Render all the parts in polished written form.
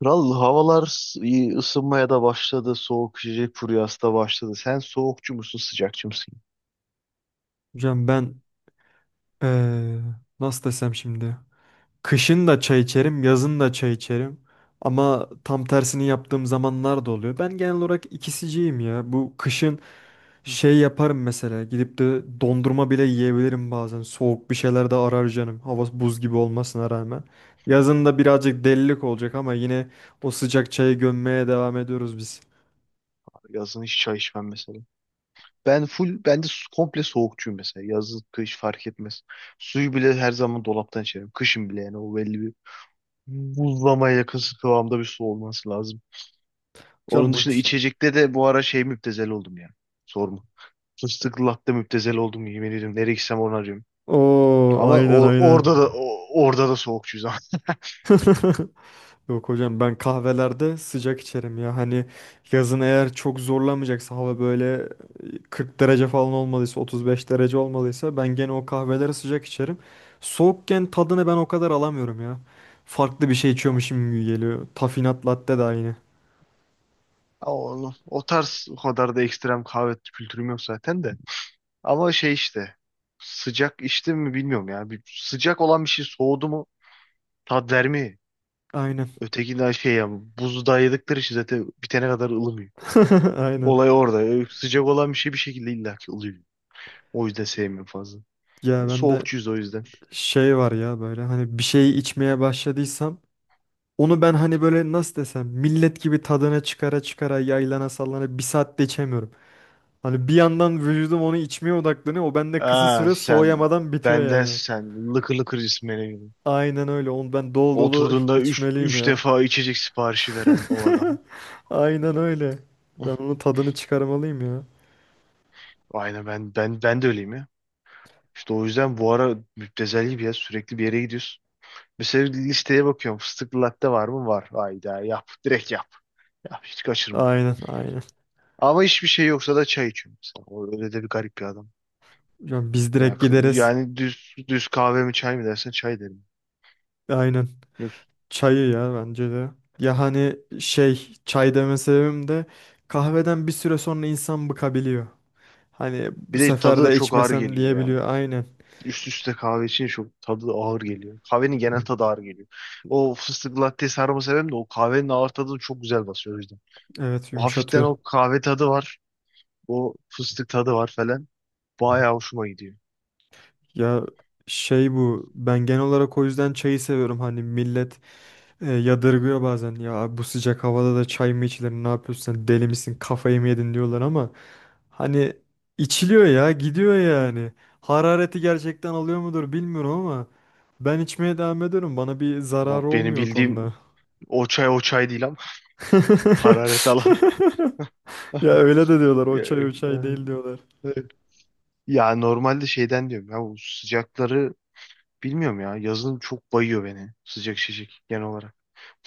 Kral havalar iyi ısınmaya da başladı. Soğuk içecek furyası da başladı. Sen soğukçu musun, sıcakçı mısın? Hocam ben eee, nasıl desem şimdi. Kışın da çay içerim, yazın da çay içerim. Ama tam tersini yaptığım zamanlar da oluyor. Ben genel olarak ikisiciyim ya. Bu kışın şey yaparım mesela. Gidip de dondurma bile yiyebilirim bazen. Soğuk bir şeyler de arar canım. Hava buz gibi olmasına rağmen. Yazın da birazcık delilik olacak ama yine o sıcak çayı gömmeye devam ediyoruz biz. Yazın hiç çay içmem mesela. Ben full, komple soğukçuyum mesela. Yaz, kış fark etmez. Suyu bile her zaman dolaptan içerim. Kışın bile yani o belli bir buzlamaya yakın kıvamda bir su olması lazım. Onun Hocam bu... dışında ç- içecekte de bu ara şey müptezel oldum ya. Sorma. Fıstıklı latte müptezel oldum, yemin ediyorum. Nereye gitsem onu arıyorum. Oo, Ama aynen aynen. Orada da soğukçuyuz ama. Yok hocam ben kahvelerde sıcak içerim ya. Hani yazın eğer çok zorlamayacaksa hava böyle 40 derece falan olmalıysa 35 derece olmalıysa ben gene o kahveleri sıcak içerim. Soğukken tadını ben o kadar alamıyorum ya. Farklı bir şey içiyormuşum gibi geliyor. Tafinat latte de aynı. Oğlum, o tarz o kadar da ekstrem kahve kültürüm yok zaten de. Ama şey işte, sıcak içtim mi bilmiyorum ya. Bir, sıcak olan bir şey soğudu mu tat vermiyor. Aynen. Ötekinden şey, yani buzu dayadıkları için zaten bitene kadar ılımıyor. Aynen. Olay orada. Sıcak olan bir şey bir şekilde illaki ılıyor. O yüzden sevmiyorum fazla. Ya bende Soğukçuyuz o yüzden. şey var ya böyle hani bir şey içmeye başladıysam onu ben hani böyle nasıl desem millet gibi tadına çıkara çıkara yaylana sallana bir saatte içemiyorum. Hani bir yandan vücudum onu içmeye odaklanıyor. O bende kısa Aa süre sen soğuyamadan bitiyor benden yani. sen lıkır lıkır cismene gibi. Aynen öyle. Onu ben dolu dolu Oturduğunda içmeliyim üç ya. defa içecek siparişi veren o adam. Aynen öyle. Ben Hıh, onun tadını çıkarmalıyım ya. aynen ben de öyleyim ya. İşte o yüzden bu ara müptezel gibi ya, sürekli bir yere gidiyoruz. Mesela listeye bakıyorum, fıstıklı latte var mı? Var. Hayda yap, direkt yap. Ya hiç kaçırma. Aynen aynen. Ama hiçbir şey yoksa da çay içiyorum mesela. O öyle de bir garip bir adam. Ya biz Ya, direkt gideriz. yani düz kahve mi çay mı dersen çay derim. Aynen. Yok. Çayı ya bence de. Ya hani şey çay deme sebebim de kahveden bir süre sonra insan bıkabiliyor. Hani Bir bu de sefer tadı da de çok ağır içmesem geliyor yani. diyebiliyor. Aynen. Üst üste kahve için çok tadı ağır geliyor. Kahvenin genel tadı ağır geliyor. O fıstıklı latte sarma sebebim de o kahvenin ağır tadını çok güzel basıyor o yüzden. Evet O hafiften yumuşatıyor. o kahve tadı var. O fıstık tadı var falan. Bayağı hoşuma gidiyor. Ya şey bu ben genel olarak o yüzden çayı seviyorum hani millet yadırgıyor bazen ya abi bu sıcak havada da çay mı içilir ne yapıyorsun sen deli misin kafayı mı yedin diyorlar ama hani içiliyor ya gidiyor yani harareti gerçekten alıyor mudur bilmiyorum ama ben içmeye devam ediyorum bana bir Ama zararı benim olmuyor o bildiğim konuda. o çay o çay değil ama hararet alan. Ya öyle de diyorlar o Ya, çay o çay değil diyorlar. e, e. Ya normalde şeyden diyorum ya, bu sıcakları bilmiyorum ya, yazın çok bayıyor beni sıcak şişik genel olarak.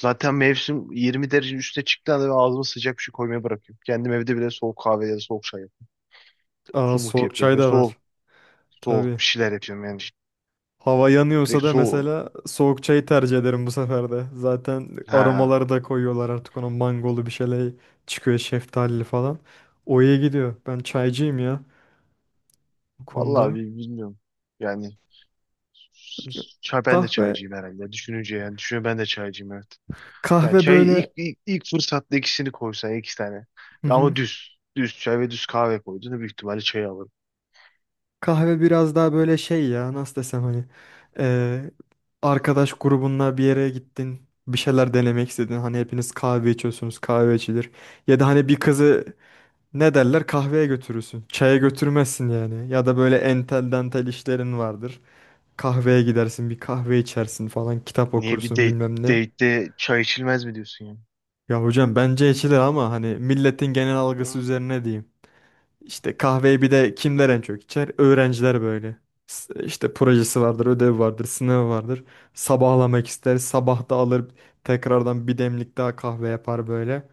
Zaten mevsim 20 derece üstüne çıktığında anda ben ağzıma sıcak bir şey koymayı bırakıyorum. Kendim evde bile soğuk kahve ya da soğuk çay yapıyorum. Aa Smoothie soğuk yapıyorum. çay Böyle da var soğuk tabii. bir şeyler yapıyorum yani, Hava yanıyorsa direkt da soğuk. mesela soğuk çayı tercih ederim bu sefer de. Zaten Ha, aromaları da koyuyorlar artık ona mangolu bir şeyler çıkıyor şeftalili falan. O iyi gidiyor. Ben çaycıyım ya bu vallahi konuda. Bilmiyorum. Yani çay, ben de Kahve çaycıyım herhalde. Düşününce, yani düşünüyorum, ben de çaycıyım evet. Yani kahve çayı böyle. İlk fırsatta ikisini koysan iki tane. Hı hı. Ama düz. Düz çay ve düz kahve koyduğunda büyük ihtimalle çayı alırım. Kahve biraz daha böyle şey ya nasıl desem hani eee, arkadaş grubunla bir yere gittin bir şeyler denemek istedin. Hani hepiniz kahve içiyorsunuz kahve içilir. Ya da hani bir kızı ne derler kahveye götürürsün. Çaya götürmezsin yani. Ya da böyle entel dantel işlerin vardır. Kahveye gidersin bir kahve içersin falan kitap Niye, okursun bilmem ne. date'de çay içilmez mi diyorsun yani? Ya hocam bence içilir ama hani milletin genel Hı. algısı üzerine diyeyim. İşte kahveyi bir de kimler en çok içer? Öğrenciler böyle. İşte projesi vardır, ödev vardır, sınav vardır. Sabahlamak ister, sabah da alır tekrardan bir demlik daha kahve yapar böyle.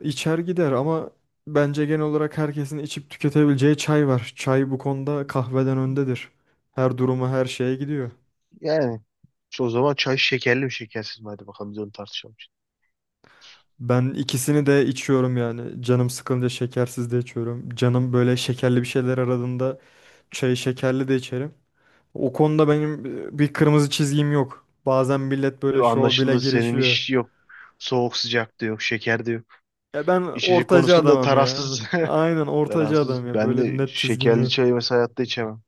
İçer gider ama bence genel olarak herkesin içip tüketebileceği çay var. Çay bu konuda kahveden öndedir. Her duruma her şeye gidiyor. Yani işte o zaman çay şekerli mi şekersiz mi? Hadi bakalım biz onu tartışalım. Ben ikisini de içiyorum yani. Canım sıkılınca şekersiz de içiyorum. Canım böyle şekerli bir şeyler aradığında çayı şekerli de içerim. O konuda benim bir kırmızı çizgim yok. Bazen millet Şimdi böyle şov bile anlaşıldı, senin girişiyor. iş yok. Soğuk sıcak da yok. Şeker de yok. Ya ben İçecek ortacı konusunda adamım ya. tarafsız. Aynen ortacı adam Tarafsız. ya. Ben Böyle de net çizgim şekerli yok. çayı mesela hayatta içemem.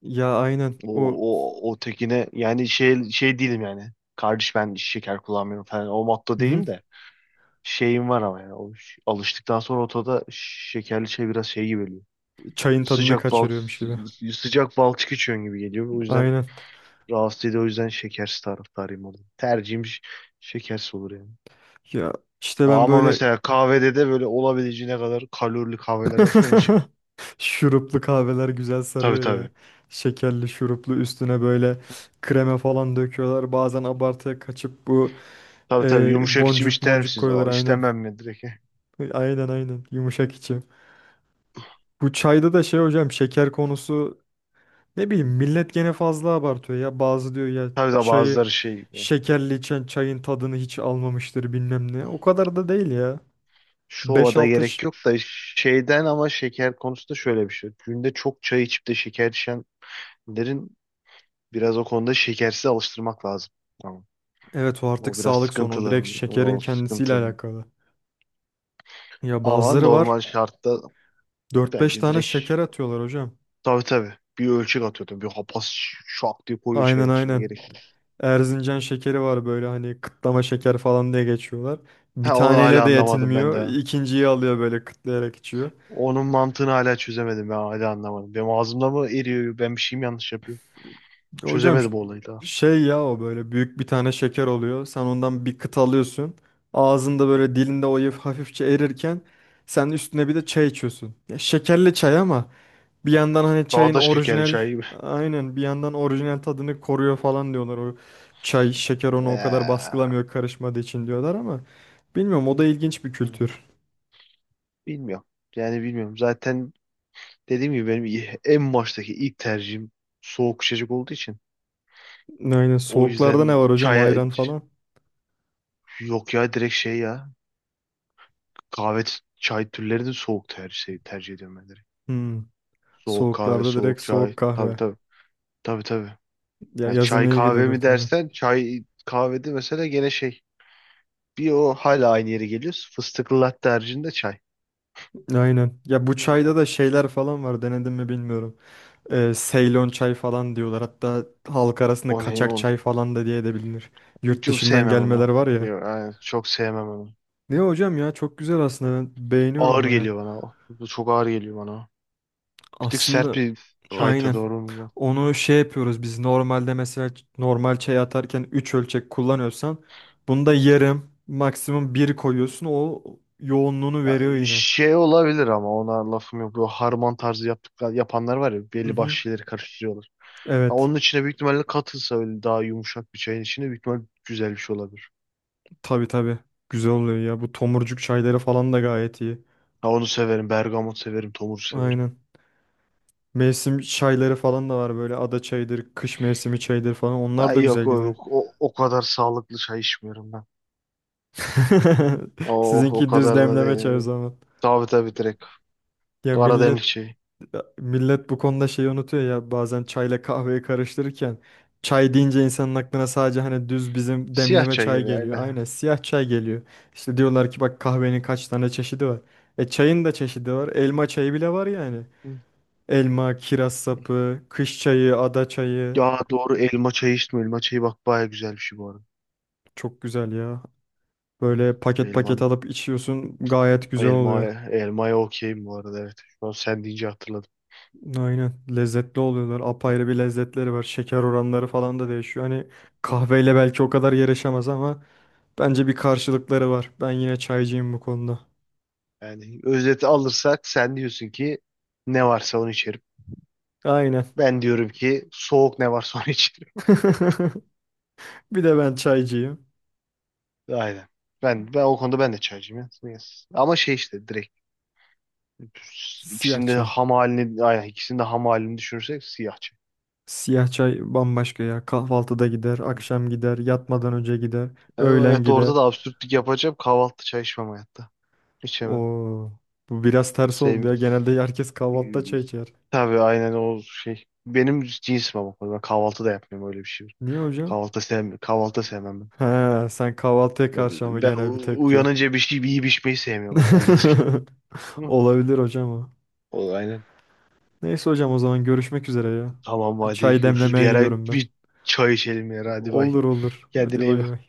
Ya aynen O, o. o tekine yani şey, şey değilim yani. Kardeş ben şeker kullanmıyorum falan. O motto Hı hı. değilim de. Şeyim var ama yani. O, alıştıktan sonra otoda şekerli şey biraz şey gibi geliyor. Çayın tadını Sıcak bal kaçırıyormuş gibi. Sıcak balçık içiyorsun gibi geliyor. O yüzden Aynen. rahatsız ediyor. O yüzden şekersiz taraftarıyım orada. Tercihim şekersiz olur yani. Ya işte Ha, ben ama böyle. mesela kahvede de böyle olabileceğine kadar kalorili kahveler olsa onu içerim. Şuruplu kahveler güzel Tabii sarıyor ya. tabii. Şekerli şuruplu üstüne böyle krema falan döküyorlar. Bazen abartıya kaçıp bu Tabii tabii. Yumuşak içim boncuk ister moncuk misiniz? Aa, koyuyorlar aynen. İstemem mi direkt? Aynen aynen yumuşak içi. Bu çayda da şey hocam şeker konusu ne bileyim millet gene fazla abartıyor ya. Bazı diyor ya Tabii de çayı bazıları şey. şekerli içen çayın tadını hiç almamıştır bilmem ne. O kadar da değil ya. Şova Beş da altı. gerek yok da şeyden, ama şeker konusunda şöyle bir şey. Günde çok çay içip de şeker içenlerin biraz o konuda şekersiz alıştırmak lazım. Tamam. Evet o artık O biraz sağlık sorunu. sıkıntılı. Direkt şekerin O kendisiyle sıkıntı. alakalı. Ya Ama bazıları var normal şartta dört beş bence tane direkt, şeker atıyorlar hocam. tabii tabii, bir ölçek atıyordum. Bir hapaz şak diye koyuyor Aynen çayın içine, aynen. gerek yok. Erzincan şekeri var böyle hani kıtlama şeker falan diye geçiyorlar. Bir Ha onu hala taneyle de anlamadım ben yetinmiyor. de. İkinciyi alıyor böyle kıtlayarak içiyor. Onun mantığını hala çözemedim, ben hala anlamadım. Benim ağzımda mı eriyor? Ben bir şey mi yanlış yapıyorum? Hocam ş- Çözemedim o olayı daha. Şey ya o böyle büyük bir tane şeker oluyor. Sen ondan bir kıt alıyorsun. Ağzında böyle dilinde o hafifçe erirken sen üstüne bir de çay içiyorsun. Ya şekerli çay ama bir yandan hani Daha çayın da şekerli orijinal çay gibi. aynen bir yandan orijinal tadını koruyor falan diyorlar. O çay şeker onu o kadar baskılamıyor karışmadığı için diyorlar ama bilmiyorum o da ilginç bir Eee. kültür. Bilmiyorum. Yani bilmiyorum. Zaten dediğim gibi benim, en baştaki ilk tercihim soğuk içecek olduğu için. Aynen O soğuklarda yüzden ne var hocam çaya, ayran falan? yok ya, direkt şey ya, kahve çay türleri de soğuk tercih şey, tercih ediyorum ben direkt. Hmm. Soğuk kahve, Soğuklarda soğuk direkt çay. soğuk Tabii kahve. tabii. Tabii tabii. Ya Ya yazın çay iyi kahve gidiyordur mi tabii. dersen, çay kahvede mesela gene şey, bir o hala aynı yere geliyoruz. Fıstıklı latte haricinde çay. Aynen. Ya bu Hmm. çayda da şeyler falan var denedim mi bilmiyorum. Seylon çay falan diyorlar. Hatta halk arasında O ne? kaçak O, çay falan da diye de bilinir. Yurt çok dışından sevmem gelmeler onu. var ya. Yok, aynen, çok sevmem onu. Ne hocam ya çok güzel aslında ben beğeniyorum Ağır baya. geliyor bana o. Bu çok ağır geliyor bana. Bir tık sert Aslında bir çayta aynen. doğru mu bu? Onu şey yapıyoruz biz normalde mesela normal çay atarken 3 ölçek kullanıyorsan bunda yarım maksimum bir koyuyorsun o yoğunluğunu Ya, veriyor yine. şey olabilir ama ona lafım yok. Bu harman tarzı yaptıklar, yapanlar var ya, Hı belli başlı hı. şeyleri karıştırıyorlar. Ha, Evet. onun içine büyük ihtimalle katılsa öyle, daha yumuşak bir çayın içine büyük ihtimalle güzel bir şey olabilir. Tabii tabii. Güzel oluyor ya. Bu tomurcuk çayları falan da gayet iyi. Ha, onu severim. Bergamot severim. Tomur severim. Aynen. Mevsim çayları falan da var böyle ada çayıdır, kış mevsimi çayıdır falan. Ha, Onlar da yok güzel gidiyor. o kadar sağlıklı çay içmiyorum ben. O Sizinki düz kadarına demleme çay o da zaman. tabii tabii direkt. Ya Kara millet demlik çayı. millet bu konuda şeyi unutuyor ya bazen çayla kahveyi karıştırırken çay deyince insanın aklına sadece hani düz bizim Siyah demleme çay çay geliyor geliyor. aynen. Aynen siyah çay geliyor. İşte diyorlar ki bak kahvenin kaç tane çeşidi var. E çayın da çeşidi var. Elma çayı bile var yani. Hı. Elma, kiraz sapı, kış çayı, ada çayı. Ya doğru, elma çayı içtim. Elma çayı bak baya güzel bir şey bu arada. Çok güzel ya. Böyle paket paket Elman, alıp içiyorsun gayet güzel oluyor. Elmaya okeyim bu arada evet. Şu an sen deyince hatırladım. Aynen. Lezzetli oluyorlar. Apayrı bir lezzetleri var. Şeker oranları falan da değişiyor. Hani kahveyle belki o kadar yarışamaz ama bence bir karşılıkları var. Ben yine çaycıyım bu konuda. Yani özeti alırsak sen diyorsun ki ne varsa onu içerim. Aynen. Ben diyorum ki soğuk ne varsa onu içerim. Bir de ben çaycıyım. Aynen. Ben o konuda ben de çaycıyım ya. Yes. Ama şey işte direkt Siyah ikisinin de çay. ham halini, aynen, ikisinin de ham halini düşünürsek siyah çay. Siyah çay bambaşka ya. Kahvaltıda gider, Hı. akşam gider, yatmadan önce gider, öğlen Evet, gider. orada da absürtlük yapacağım. Kahvaltı çay içmem hayatta. İçemem. Oo, bu biraz ters oldu ya. Sevmiyorum. Genelde herkes kahvaltıda çay içer. Tabii aynen o şey. Benim cinsim ama. Ben kahvaltı da yapmıyorum öyle bir şey. Niye hocam? Kahvaltı sevmem. Kahvaltı sevmem ben. He, sen kahvaltıya karşı ama Ben genel bir tepki. uyanınca bir şey bir yiyip içmeyi sevmiyorum herhalde direkt. Ama Olabilir hocam o. O aynen. Neyse hocam o zaman görüşmek üzere ya. Tamam Bir hadi çay görüşürüz. Bir demlemeye ara gidiyorum ben. bir çay içelim ya. Hadi bay. Olur olur. Kendine Hadi iyi bay bak. bay.